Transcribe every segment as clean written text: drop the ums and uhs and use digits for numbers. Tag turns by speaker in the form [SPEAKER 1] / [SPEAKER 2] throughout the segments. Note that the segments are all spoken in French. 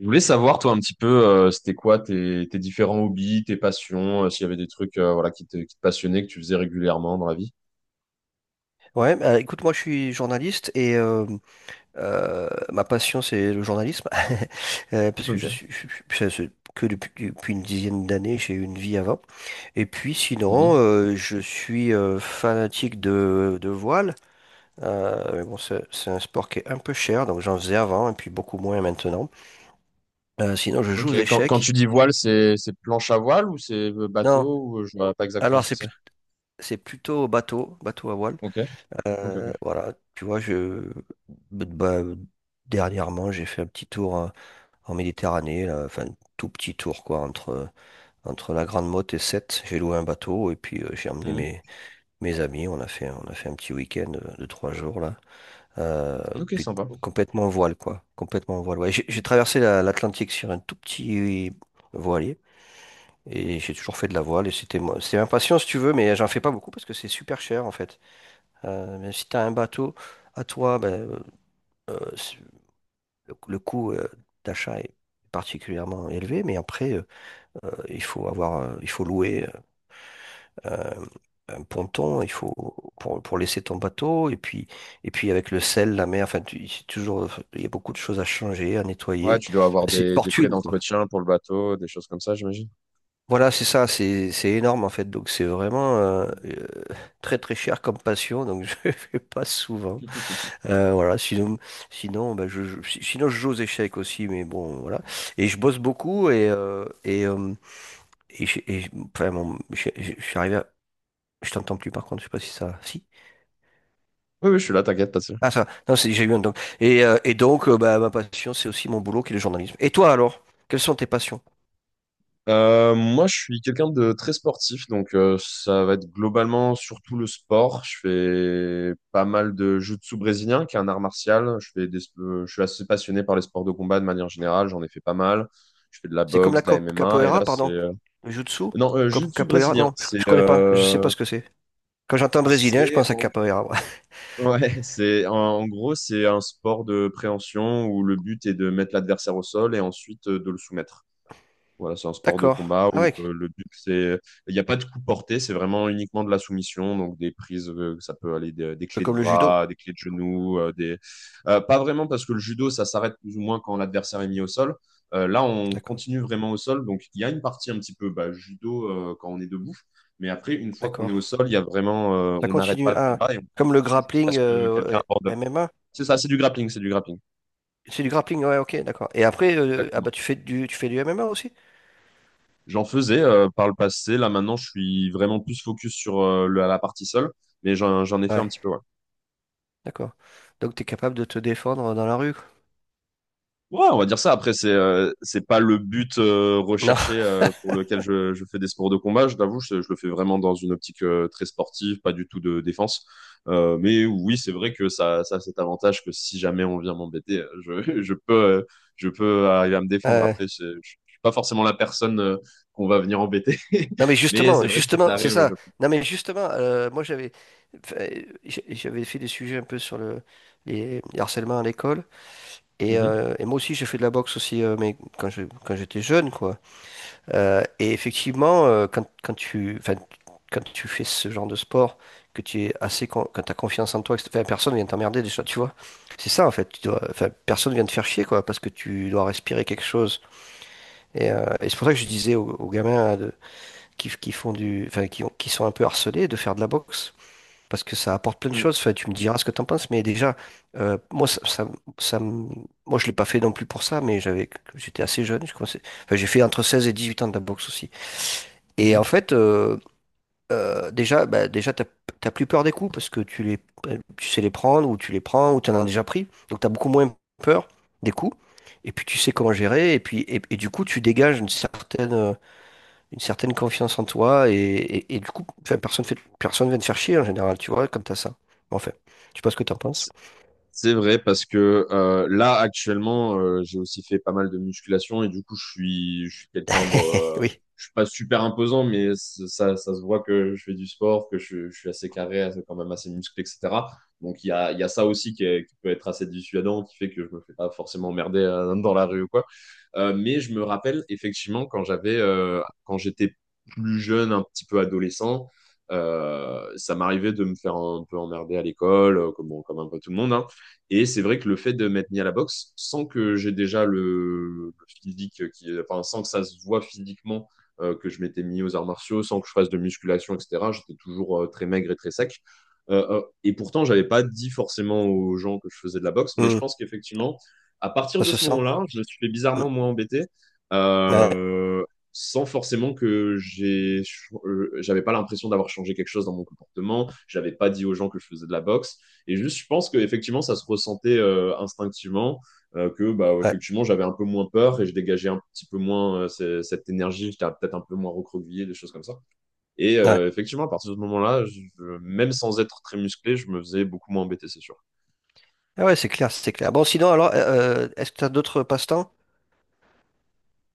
[SPEAKER 1] Je voulais savoir, toi, un petit peu, c'était quoi tes différents hobbies, tes passions, s'il y avait des trucs voilà, qui te passionnaient, que tu faisais régulièrement dans la vie.
[SPEAKER 2] Ouais, bah, écoute, moi je suis journaliste et ma passion c'est le journalisme. Parce que je
[SPEAKER 1] Ok.
[SPEAKER 2] suis, c'est que depuis une dizaine d'années j'ai eu une vie avant. Et puis sinon,
[SPEAKER 1] Mhm.
[SPEAKER 2] je suis fanatique de voile. Mais bon, c'est un sport qui est un peu cher, donc j'en faisais avant et puis beaucoup moins maintenant. Sinon, je joue
[SPEAKER 1] Ok.
[SPEAKER 2] aux
[SPEAKER 1] Quand tu
[SPEAKER 2] échecs.
[SPEAKER 1] dis voile, c'est planche à voile ou c'est
[SPEAKER 2] Non,
[SPEAKER 1] bateau ou je vois pas exactement
[SPEAKER 2] alors
[SPEAKER 1] ce que c'est.
[SPEAKER 2] c'est plutôt au bateau, bateau à voile.
[SPEAKER 1] Ok. Ok, ok.
[SPEAKER 2] Voilà, tu vois, bah, dernièrement, j'ai fait un petit tour hein, en Méditerranée, là. Enfin, un tout petit tour, quoi, entre, la Grande Motte et Sète. J'ai loué un bateau et puis j'ai emmené mes amis. On a fait un petit week-end de 3 jours, là. Euh,
[SPEAKER 1] Mhm. Ok,
[SPEAKER 2] puis,
[SPEAKER 1] sympa.
[SPEAKER 2] complètement en voile, quoi. Complètement en voile. Ouais, j'ai traversé l'Atlantique sur un tout petit voilier. Et j'ai toujours fait de la voile et c'était moi, c'est ma passion si tu veux, mais j'en fais pas beaucoup parce que c'est super cher en fait. Mais si tu as un bateau à toi, ben, euh, c'est- le coût d'achat est particulièrement élevé, mais après, il faut avoir, il faut louer euh, un ponton, il faut pour laisser ton bateau, et puis avec le sel, la mer, enfin, c'est toujours, il y a beaucoup de choses à changer, à
[SPEAKER 1] Ouais,
[SPEAKER 2] nettoyer.
[SPEAKER 1] tu dois avoir
[SPEAKER 2] C'est une
[SPEAKER 1] des frais
[SPEAKER 2] fortune, quoi.
[SPEAKER 1] d'entretien pour le bateau, des choses comme ça, j'imagine.
[SPEAKER 2] Voilà, c'est ça, c'est énorme en fait. Donc c'est vraiment très très cher comme passion, donc je ne fais pas souvent. Voilà, sinon bah, sinon je joue aux échecs aussi, mais bon voilà. Et je bosse beaucoup enfin bon, je suis arrivé à... Je t'entends plus par contre, je sais pas si ça. Si?
[SPEAKER 1] Oui, oui, je suis là, t'inquiète, pas.
[SPEAKER 2] Ah ça, non, j'ai eu un donc. Et donc bah, ma passion, c'est aussi mon boulot qui est le journalisme. Et toi alors, quelles sont tes passions?
[SPEAKER 1] Moi, je suis quelqu'un de très sportif, donc ça va être globalement surtout le sport. Je fais pas mal de jiu-jitsu brésilien, qui est un art martial. Je fais je suis assez passionné par les sports de combat de manière générale. J'en ai fait pas mal. Je fais de la
[SPEAKER 2] C'est comme
[SPEAKER 1] boxe,
[SPEAKER 2] la
[SPEAKER 1] de la MMA, et là
[SPEAKER 2] capoeira,
[SPEAKER 1] c'est
[SPEAKER 2] pardon. Le Jutsu?
[SPEAKER 1] non jiu-jitsu
[SPEAKER 2] Capoeira?
[SPEAKER 1] brésilien.
[SPEAKER 2] Non, je connais pas. Je sais pas ce que c'est. Quand j'entends brésilien, je
[SPEAKER 1] C'est
[SPEAKER 2] pense à
[SPEAKER 1] en...
[SPEAKER 2] capoeira. Ouais.
[SPEAKER 1] ouais, c'est en gros c'est un sport de préhension où le but est de mettre l'adversaire au sol et ensuite de le soumettre. Voilà, c'est un sport de
[SPEAKER 2] D'accord.
[SPEAKER 1] combat
[SPEAKER 2] Ah
[SPEAKER 1] où
[SPEAKER 2] ouais, un
[SPEAKER 1] le but, c'est... Il n'y a pas de coup porté, c'est vraiment uniquement de la soumission, donc des prises, ça peut aller des
[SPEAKER 2] peu
[SPEAKER 1] clés de
[SPEAKER 2] comme le judo.
[SPEAKER 1] bras, des clés de genoux, des... pas vraiment parce que le judo, ça s'arrête plus ou moins quand l'adversaire est mis au sol. Là, on
[SPEAKER 2] D'accord.
[SPEAKER 1] continue vraiment au sol, donc il y a une partie un petit peu bah, judo quand on est debout, mais après, une fois qu'on est
[SPEAKER 2] D'accord.
[SPEAKER 1] au sol, il y a vraiment...
[SPEAKER 2] Ça
[SPEAKER 1] on n'arrête pas
[SPEAKER 2] continue.
[SPEAKER 1] le
[SPEAKER 2] Ah,
[SPEAKER 1] combat et on
[SPEAKER 2] comme le
[SPEAKER 1] continue jusqu'à
[SPEAKER 2] grappling
[SPEAKER 1] ce que quelqu'un aborde.
[SPEAKER 2] MMA.
[SPEAKER 1] C'est ça, c'est du grappling, c'est du grappling.
[SPEAKER 2] C'est du grappling, ouais, ok, d'accord. Et après, ah
[SPEAKER 1] Exactement.
[SPEAKER 2] bah tu fais du MMA aussi?
[SPEAKER 1] J'en faisais par le passé. Là, maintenant, je suis vraiment plus focus sur la partie seule, mais j'en ai fait un
[SPEAKER 2] Ouais,
[SPEAKER 1] petit peu. Ouais.
[SPEAKER 2] d'accord. Donc tu es capable de te défendre dans la rue, quoi.
[SPEAKER 1] Ouais, on va dire ça. Après, c'est pas le but
[SPEAKER 2] Non.
[SPEAKER 1] recherché pour lequel je fais des sports de combat. Je t'avoue, je le fais vraiment dans une optique très sportive, pas du tout de défense. Mais oui, c'est vrai que ça a cet avantage que si jamais on vient m'embêter, je, je peux arriver à me défendre.
[SPEAKER 2] Euh,
[SPEAKER 1] Après, je suis pas forcément la personne qu'on va venir embêter,
[SPEAKER 2] Non mais
[SPEAKER 1] mais
[SPEAKER 2] justement,
[SPEAKER 1] c'est vrai que si ça
[SPEAKER 2] justement, c'est
[SPEAKER 1] arrive, je...
[SPEAKER 2] ça. Non mais justement, moi j'avais enfin, j'avais fait des sujets un peu sur le les harcèlements à l'école, et,
[SPEAKER 1] Mhm.
[SPEAKER 2] euh, et moi aussi j'ai fait de la boxe aussi mais quand j'étais jeune quoi. Et effectivement quand tu, enfin, quand tu fais ce genre de sport, que tu es assez quand t'as confiance en toi, que, enfin, personne vient t'emmerder déjà, tu vois. C'est ça en fait, tu dois, enfin, personne vient te faire chier, quoi, parce que tu dois respirer quelque chose, et c'est pour ça que je disais aux gamins qui font du, enfin, qui sont un peu harcelés de faire de la boxe. Parce que ça apporte plein de choses. Enfin, tu me diras ce que t'en penses, mais déjà, moi, ça me- moi, je l'ai pas fait non plus pour ça, mais j'étais assez jeune. Enfin, j'ai fait entre 16 et 18 ans de la boxe aussi. Et en
[SPEAKER 1] Mhm.
[SPEAKER 2] fait, déjà, bah, déjà, t'as plus peur des coups parce que tu sais les prendre ou tu les prends ou t'en as déjà pris. Donc, t'as beaucoup moins peur des coups. Et puis, tu sais comment gérer. Et puis, du coup, tu dégages une certaine confiance en toi et du coup, enfin, personne vient te faire chier en général, tu vois, comme t'as ça. Bon, enfin, je sais pas ce que t'en penses.
[SPEAKER 1] C'est vrai parce que là actuellement j'ai aussi fait pas mal de musculation et du coup je suis quelqu'un bon
[SPEAKER 2] Oui.
[SPEAKER 1] je suis pas super imposant mais ça ça se voit que je fais du sport que je suis assez carré quand même assez musclé etc donc il y a ça aussi qui peut être assez dissuadant qui fait que je me fais pas forcément emmerder dans la rue ou quoi. Mais je me rappelle effectivement quand j'avais quand j'étais plus jeune un petit peu adolescent ça m'arrivait de me faire un peu emmerder à l'école comme comme un peu tout le monde hein. Et c'est vrai que le fait de m'être mis à la boxe, sans que j'ai déjà le physique, qui, enfin, sans que ça se voit physiquement que je m'étais mis aux arts martiaux, sans que je fasse de musculation, etc., j'étais toujours très maigre et très sec. Et pourtant, j'avais pas dit forcément aux gens que je faisais de la boxe, mais je
[SPEAKER 2] Hmm.
[SPEAKER 1] pense qu'effectivement, à partir
[SPEAKER 2] Ça
[SPEAKER 1] de
[SPEAKER 2] se
[SPEAKER 1] ce
[SPEAKER 2] sent.
[SPEAKER 1] moment-là, je me suis fait
[SPEAKER 2] Hmm.
[SPEAKER 1] bizarrement moins embêté,
[SPEAKER 2] Ouais,
[SPEAKER 1] euh, sans forcément que j'ai, j'avais pas l'impression d'avoir changé quelque chose dans mon comportement. J'avais pas dit aux gens que je faisais de la boxe. Et juste, je pense qu'effectivement, ça se ressentait instinctivement, que bah,
[SPEAKER 2] ouais,
[SPEAKER 1] effectivement, j'avais un peu moins peur et je dégageais un petit peu moins cette énergie, j'étais peut-être un peu moins recroquevillé, des choses comme ça. Et
[SPEAKER 2] ouais.
[SPEAKER 1] effectivement, à partir de ce moment-là, même sans être très musclé, je me faisais beaucoup moins embêter, c'est sûr.
[SPEAKER 2] Ah ouais, c'est clair, c'est clair. Bon, sinon, alors, est-ce que t'as d'autres passe-temps?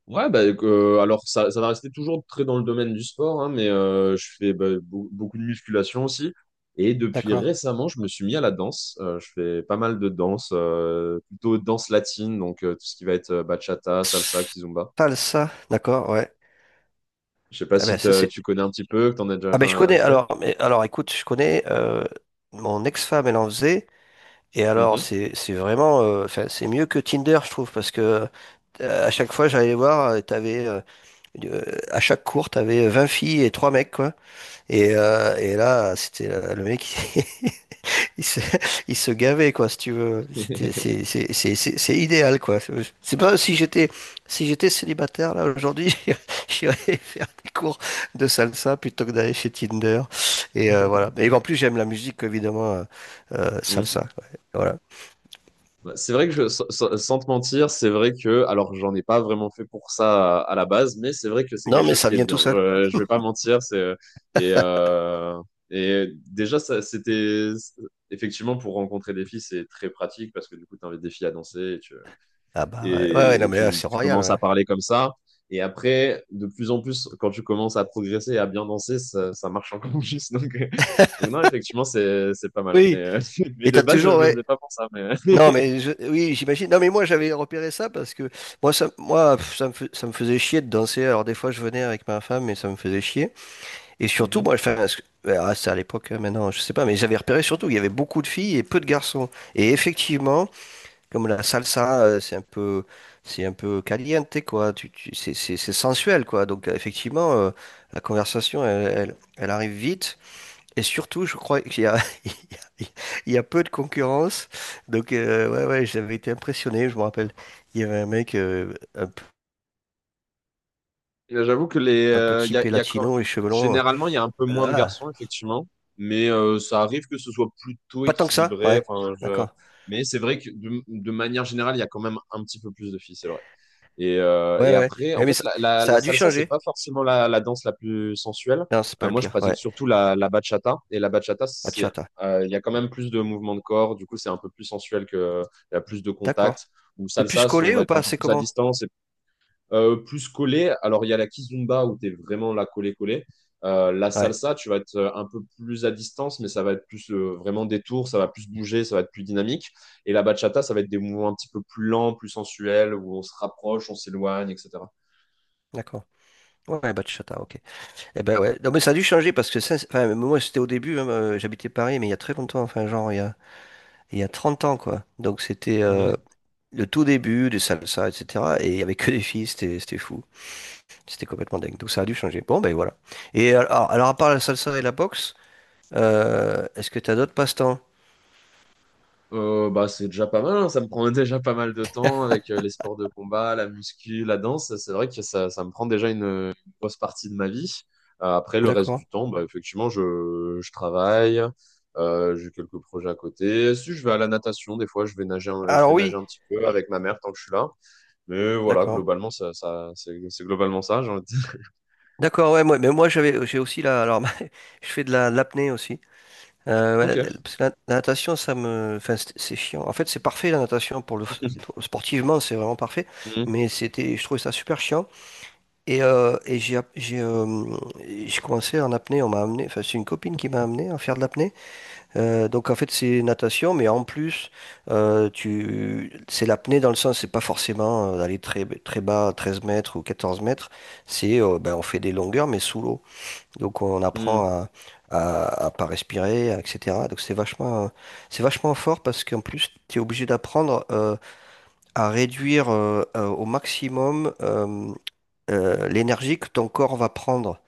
[SPEAKER 1] Ouais, bah, alors ça va rester toujours très dans le domaine du sport, hein, mais je fais bah, beaucoup de musculation aussi. Et depuis
[SPEAKER 2] D'accord.
[SPEAKER 1] récemment, je me suis mis à la danse. Je fais pas mal de danse, plutôt danse latine, donc tout ce qui va être bachata, salsa, kizomba.
[SPEAKER 2] Salsa, d'accord, ouais.
[SPEAKER 1] Je sais pas
[SPEAKER 2] Ah ben,
[SPEAKER 1] si
[SPEAKER 2] ça, c'est...
[SPEAKER 1] tu connais un petit peu, que t'en as déjà
[SPEAKER 2] Ah
[SPEAKER 1] fait.
[SPEAKER 2] ben, je connais,
[SPEAKER 1] Fait.
[SPEAKER 2] alors, mais, alors écoute, je connais, mon ex-femme, elle en faisait, et alors,
[SPEAKER 1] Mhm.
[SPEAKER 2] c'est vraiment, enfin, c'est mieux que Tinder, je trouve, parce que à chaque fois, j'allais voir, t'avais Euh, à chaque cours, t'avais 20 filles et 3 mecs, quoi. Et là, c'était le mec, il il se, il se gavait, quoi, si tu veux. C'était, c'est, c'est, c'est, c'est c'est idéal, quoi. C'est pas, si j'étais célibataire, là, aujourd'hui, j'irais faire des cours de salsa plutôt que d'aller chez Tinder. Et voilà. Et en plus, j'aime la musique, évidemment, salsa.
[SPEAKER 1] Mhm.
[SPEAKER 2] Ouais. Voilà.
[SPEAKER 1] Bah, c'est vrai que sans te mentir, c'est vrai que, alors j'en ai pas vraiment fait pour ça à la base, mais c'est vrai que c'est
[SPEAKER 2] Non,
[SPEAKER 1] quelque
[SPEAKER 2] mais
[SPEAKER 1] chose
[SPEAKER 2] ça
[SPEAKER 1] qui est
[SPEAKER 2] vient
[SPEAKER 1] bien.
[SPEAKER 2] tout seul.
[SPEAKER 1] Je vais pas mentir, c'est et euh, et déjà ça c'était effectivement pour rencontrer des filles, c'est très pratique parce que du coup tu invites des filles à danser et tu
[SPEAKER 2] Ah bah ouais, ouais, ouais, non,
[SPEAKER 1] et
[SPEAKER 2] mais là, c'est
[SPEAKER 1] tu
[SPEAKER 2] royal,
[SPEAKER 1] commences à
[SPEAKER 2] ouais.
[SPEAKER 1] parler comme ça. Et après, de plus en plus, quand tu commences à progresser et à bien danser, ça marche encore plus. Donc non, effectivement, c'est pas mal. Mais,
[SPEAKER 2] Oui,
[SPEAKER 1] mais
[SPEAKER 2] et
[SPEAKER 1] de
[SPEAKER 2] t'as
[SPEAKER 1] base, je
[SPEAKER 2] toujours,
[SPEAKER 1] le faisais pas pour ça. Mais...
[SPEAKER 2] non, mais oui, j'imagine. Non, mais moi, j'avais repéré ça parce que moi, ça, moi, pff, ça me faisait chier de danser. Alors, des fois, je venais avec ma femme, mais ça me faisait chier. Et surtout, moi,
[SPEAKER 1] Mhm.
[SPEAKER 2] enfin, ouais, ah, c'est à l'époque, hein, maintenant, je sais pas, mais j'avais repéré surtout qu'il y avait beaucoup de filles et peu de garçons. Et effectivement, comme la salsa, c'est un peu, caliente, quoi. C'est sensuel, quoi. Donc, effectivement, la conversation, elle arrive vite. Et surtout, je crois qu'il y a, il y a, il y a peu de concurrence. Donc, ouais, ouais, j'avais été impressionné, je me rappelle. Il y avait un mec
[SPEAKER 1] Et j'avoue que les,
[SPEAKER 2] un peu typé
[SPEAKER 1] y a
[SPEAKER 2] latino et cheveux longs.
[SPEAKER 1] généralement, il y a un peu moins de
[SPEAKER 2] Ah,
[SPEAKER 1] garçons, effectivement, mais ça arrive que ce soit plutôt
[SPEAKER 2] pas tant que ça,
[SPEAKER 1] équilibré.
[SPEAKER 2] ouais.
[SPEAKER 1] Enfin, je-
[SPEAKER 2] D'accord.
[SPEAKER 1] Mais c'est vrai que de manière générale, il y a quand même un petit peu plus de filles, c'est vrai. Et, euh,
[SPEAKER 2] Ouais,
[SPEAKER 1] et
[SPEAKER 2] ouais.
[SPEAKER 1] après, en
[SPEAKER 2] Mais
[SPEAKER 1] fait,
[SPEAKER 2] ça, ça
[SPEAKER 1] la
[SPEAKER 2] a dû
[SPEAKER 1] salsa, c'est
[SPEAKER 2] changer.
[SPEAKER 1] pas forcément la danse la plus sensuelle.
[SPEAKER 2] Non, c'est pas le
[SPEAKER 1] Moi, je
[SPEAKER 2] pire.
[SPEAKER 1] pratique
[SPEAKER 2] Ouais.
[SPEAKER 1] surtout la bachata. Et la bachata, c'est,
[SPEAKER 2] Bachata.
[SPEAKER 1] il y a quand même plus de mouvements de corps. Du coup, c'est un peu plus sensuel que, il y a plus de
[SPEAKER 2] D'accord.
[SPEAKER 1] contact. Ou
[SPEAKER 2] T'es plus
[SPEAKER 1] salsa, on
[SPEAKER 2] collé
[SPEAKER 1] va
[SPEAKER 2] ou
[SPEAKER 1] être un
[SPEAKER 2] pas?
[SPEAKER 1] peu
[SPEAKER 2] C'est
[SPEAKER 1] plus à
[SPEAKER 2] comment?
[SPEAKER 1] distance. Plus collé, alors il y a la kizomba où tu es vraiment là collé-collé. La
[SPEAKER 2] Ouais,
[SPEAKER 1] salsa, tu vas être un peu plus à distance, mais ça va être plus vraiment des tours, ça va plus bouger, ça va être plus dynamique. Et la bachata, ça va être des mouvements un petit peu plus lents, plus sensuels, où on se rapproche, on s'éloigne, etc.
[SPEAKER 2] d'accord. Ouais, bachata, ok. Eh ben ouais. Non, mais ça a dû changer parce que ça, enfin, moi, c'était au début, hein, j'habitais Paris, mais il y a très longtemps, enfin, genre, il y a 30 ans, quoi. Donc, c'était le tout début des salsa, etc. Et il n'y avait que des filles, c'était fou. C'était complètement dingue. Donc ça a dû changer. Bon, ben voilà. Et alors à part la salsa et la boxe, est-ce que tu as d'autres passe-temps?
[SPEAKER 1] Bah, c'est déjà pas mal, hein. Ça me prend déjà pas mal de temps avec les sports de combat, la muscu, la danse. C'est vrai que ça me prend déjà une grosse partie de ma vie. Après, le reste
[SPEAKER 2] D'accord.
[SPEAKER 1] du temps, bah, effectivement, je travaille, j'ai quelques projets à côté. Si je vais à la natation, des fois, je vais nager, je vais
[SPEAKER 2] Alors
[SPEAKER 1] nager
[SPEAKER 2] oui,
[SPEAKER 1] un petit peu avec ma mère tant que je suis là. Mais voilà,
[SPEAKER 2] d'accord.
[SPEAKER 1] globalement, c'est globalement ça, j'ai envie de dire.
[SPEAKER 2] D'accord, ouais, moi, mais moi j'ai aussi la alors je fais de l'apnée aussi. Ouais,
[SPEAKER 1] Ok.
[SPEAKER 2] parce que la natation, ça me enfin, c'est chiant. En fait, c'est parfait la natation pour le, sportivement, c'est vraiment parfait,
[SPEAKER 1] Mhm.
[SPEAKER 2] mais c'était je trouvais ça super chiant. Et, euh, et j'ai, app- j'ai, euh, j'ai commencé en apnée, on m'a amené, enfin, c'est une copine qui m'a amené à faire de l'apnée. Donc en fait c'est natation, mais en plus c'est l'apnée dans le sens, c'est pas forcément d'aller très, très bas, 13 mètres ou 14 mètres, c'est, ben, on fait des longueurs mais sous l'eau. Donc on apprend
[SPEAKER 1] Mhm.
[SPEAKER 2] à pas respirer, etc. Donc c'est vachement, fort parce qu'en plus tu es obligé d'apprendre à réduire au maximum, l'énergie que ton corps va prendre.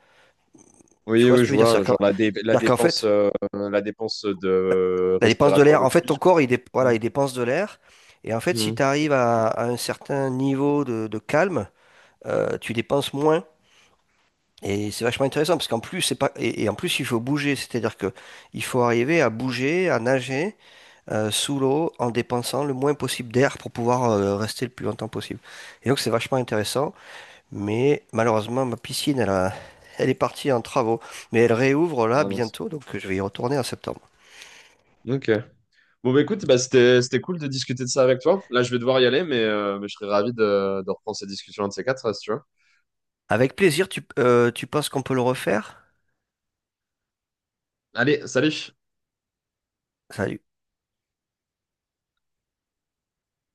[SPEAKER 2] Tu
[SPEAKER 1] Oui,
[SPEAKER 2] vois
[SPEAKER 1] oui,
[SPEAKER 2] ce que je
[SPEAKER 1] je
[SPEAKER 2] veux dire?
[SPEAKER 1] vois,
[SPEAKER 2] C'est-à-dire
[SPEAKER 1] genre
[SPEAKER 2] qu'en c'est-à-dire qu'en fait,
[SPEAKER 1] la dépense de
[SPEAKER 2] la dépense de
[SPEAKER 1] respiratoire
[SPEAKER 2] l'air,
[SPEAKER 1] de
[SPEAKER 2] en fait,
[SPEAKER 1] plus.
[SPEAKER 2] ton corps, voilà, il dépense de l'air. Et en fait, si tu arrives à un certain niveau de calme, tu dépenses moins. Et c'est vachement intéressant parce qu'en plus, c'est pas, et en plus, il faut bouger. C'est-à-dire que il faut arriver à bouger, à nager, sous l'eau en dépensant le moins possible d'air pour pouvoir rester le plus longtemps possible. Et donc, c'est vachement intéressant. Mais malheureusement, ma piscine, elle est partie en travaux. Mais elle réouvre là
[SPEAKER 1] Ah mince.
[SPEAKER 2] bientôt, donc je vais y retourner en septembre.
[SPEAKER 1] Ok. Bon, bah écoute, bah, c'était cool de discuter de ça avec toi. Là, je vais devoir y aller, mais je serais ravi de reprendre cette discussion un de ces quatre, si tu veux.
[SPEAKER 2] Avec plaisir, tu penses qu'on peut le refaire?
[SPEAKER 1] Allez, salut!
[SPEAKER 2] Ça-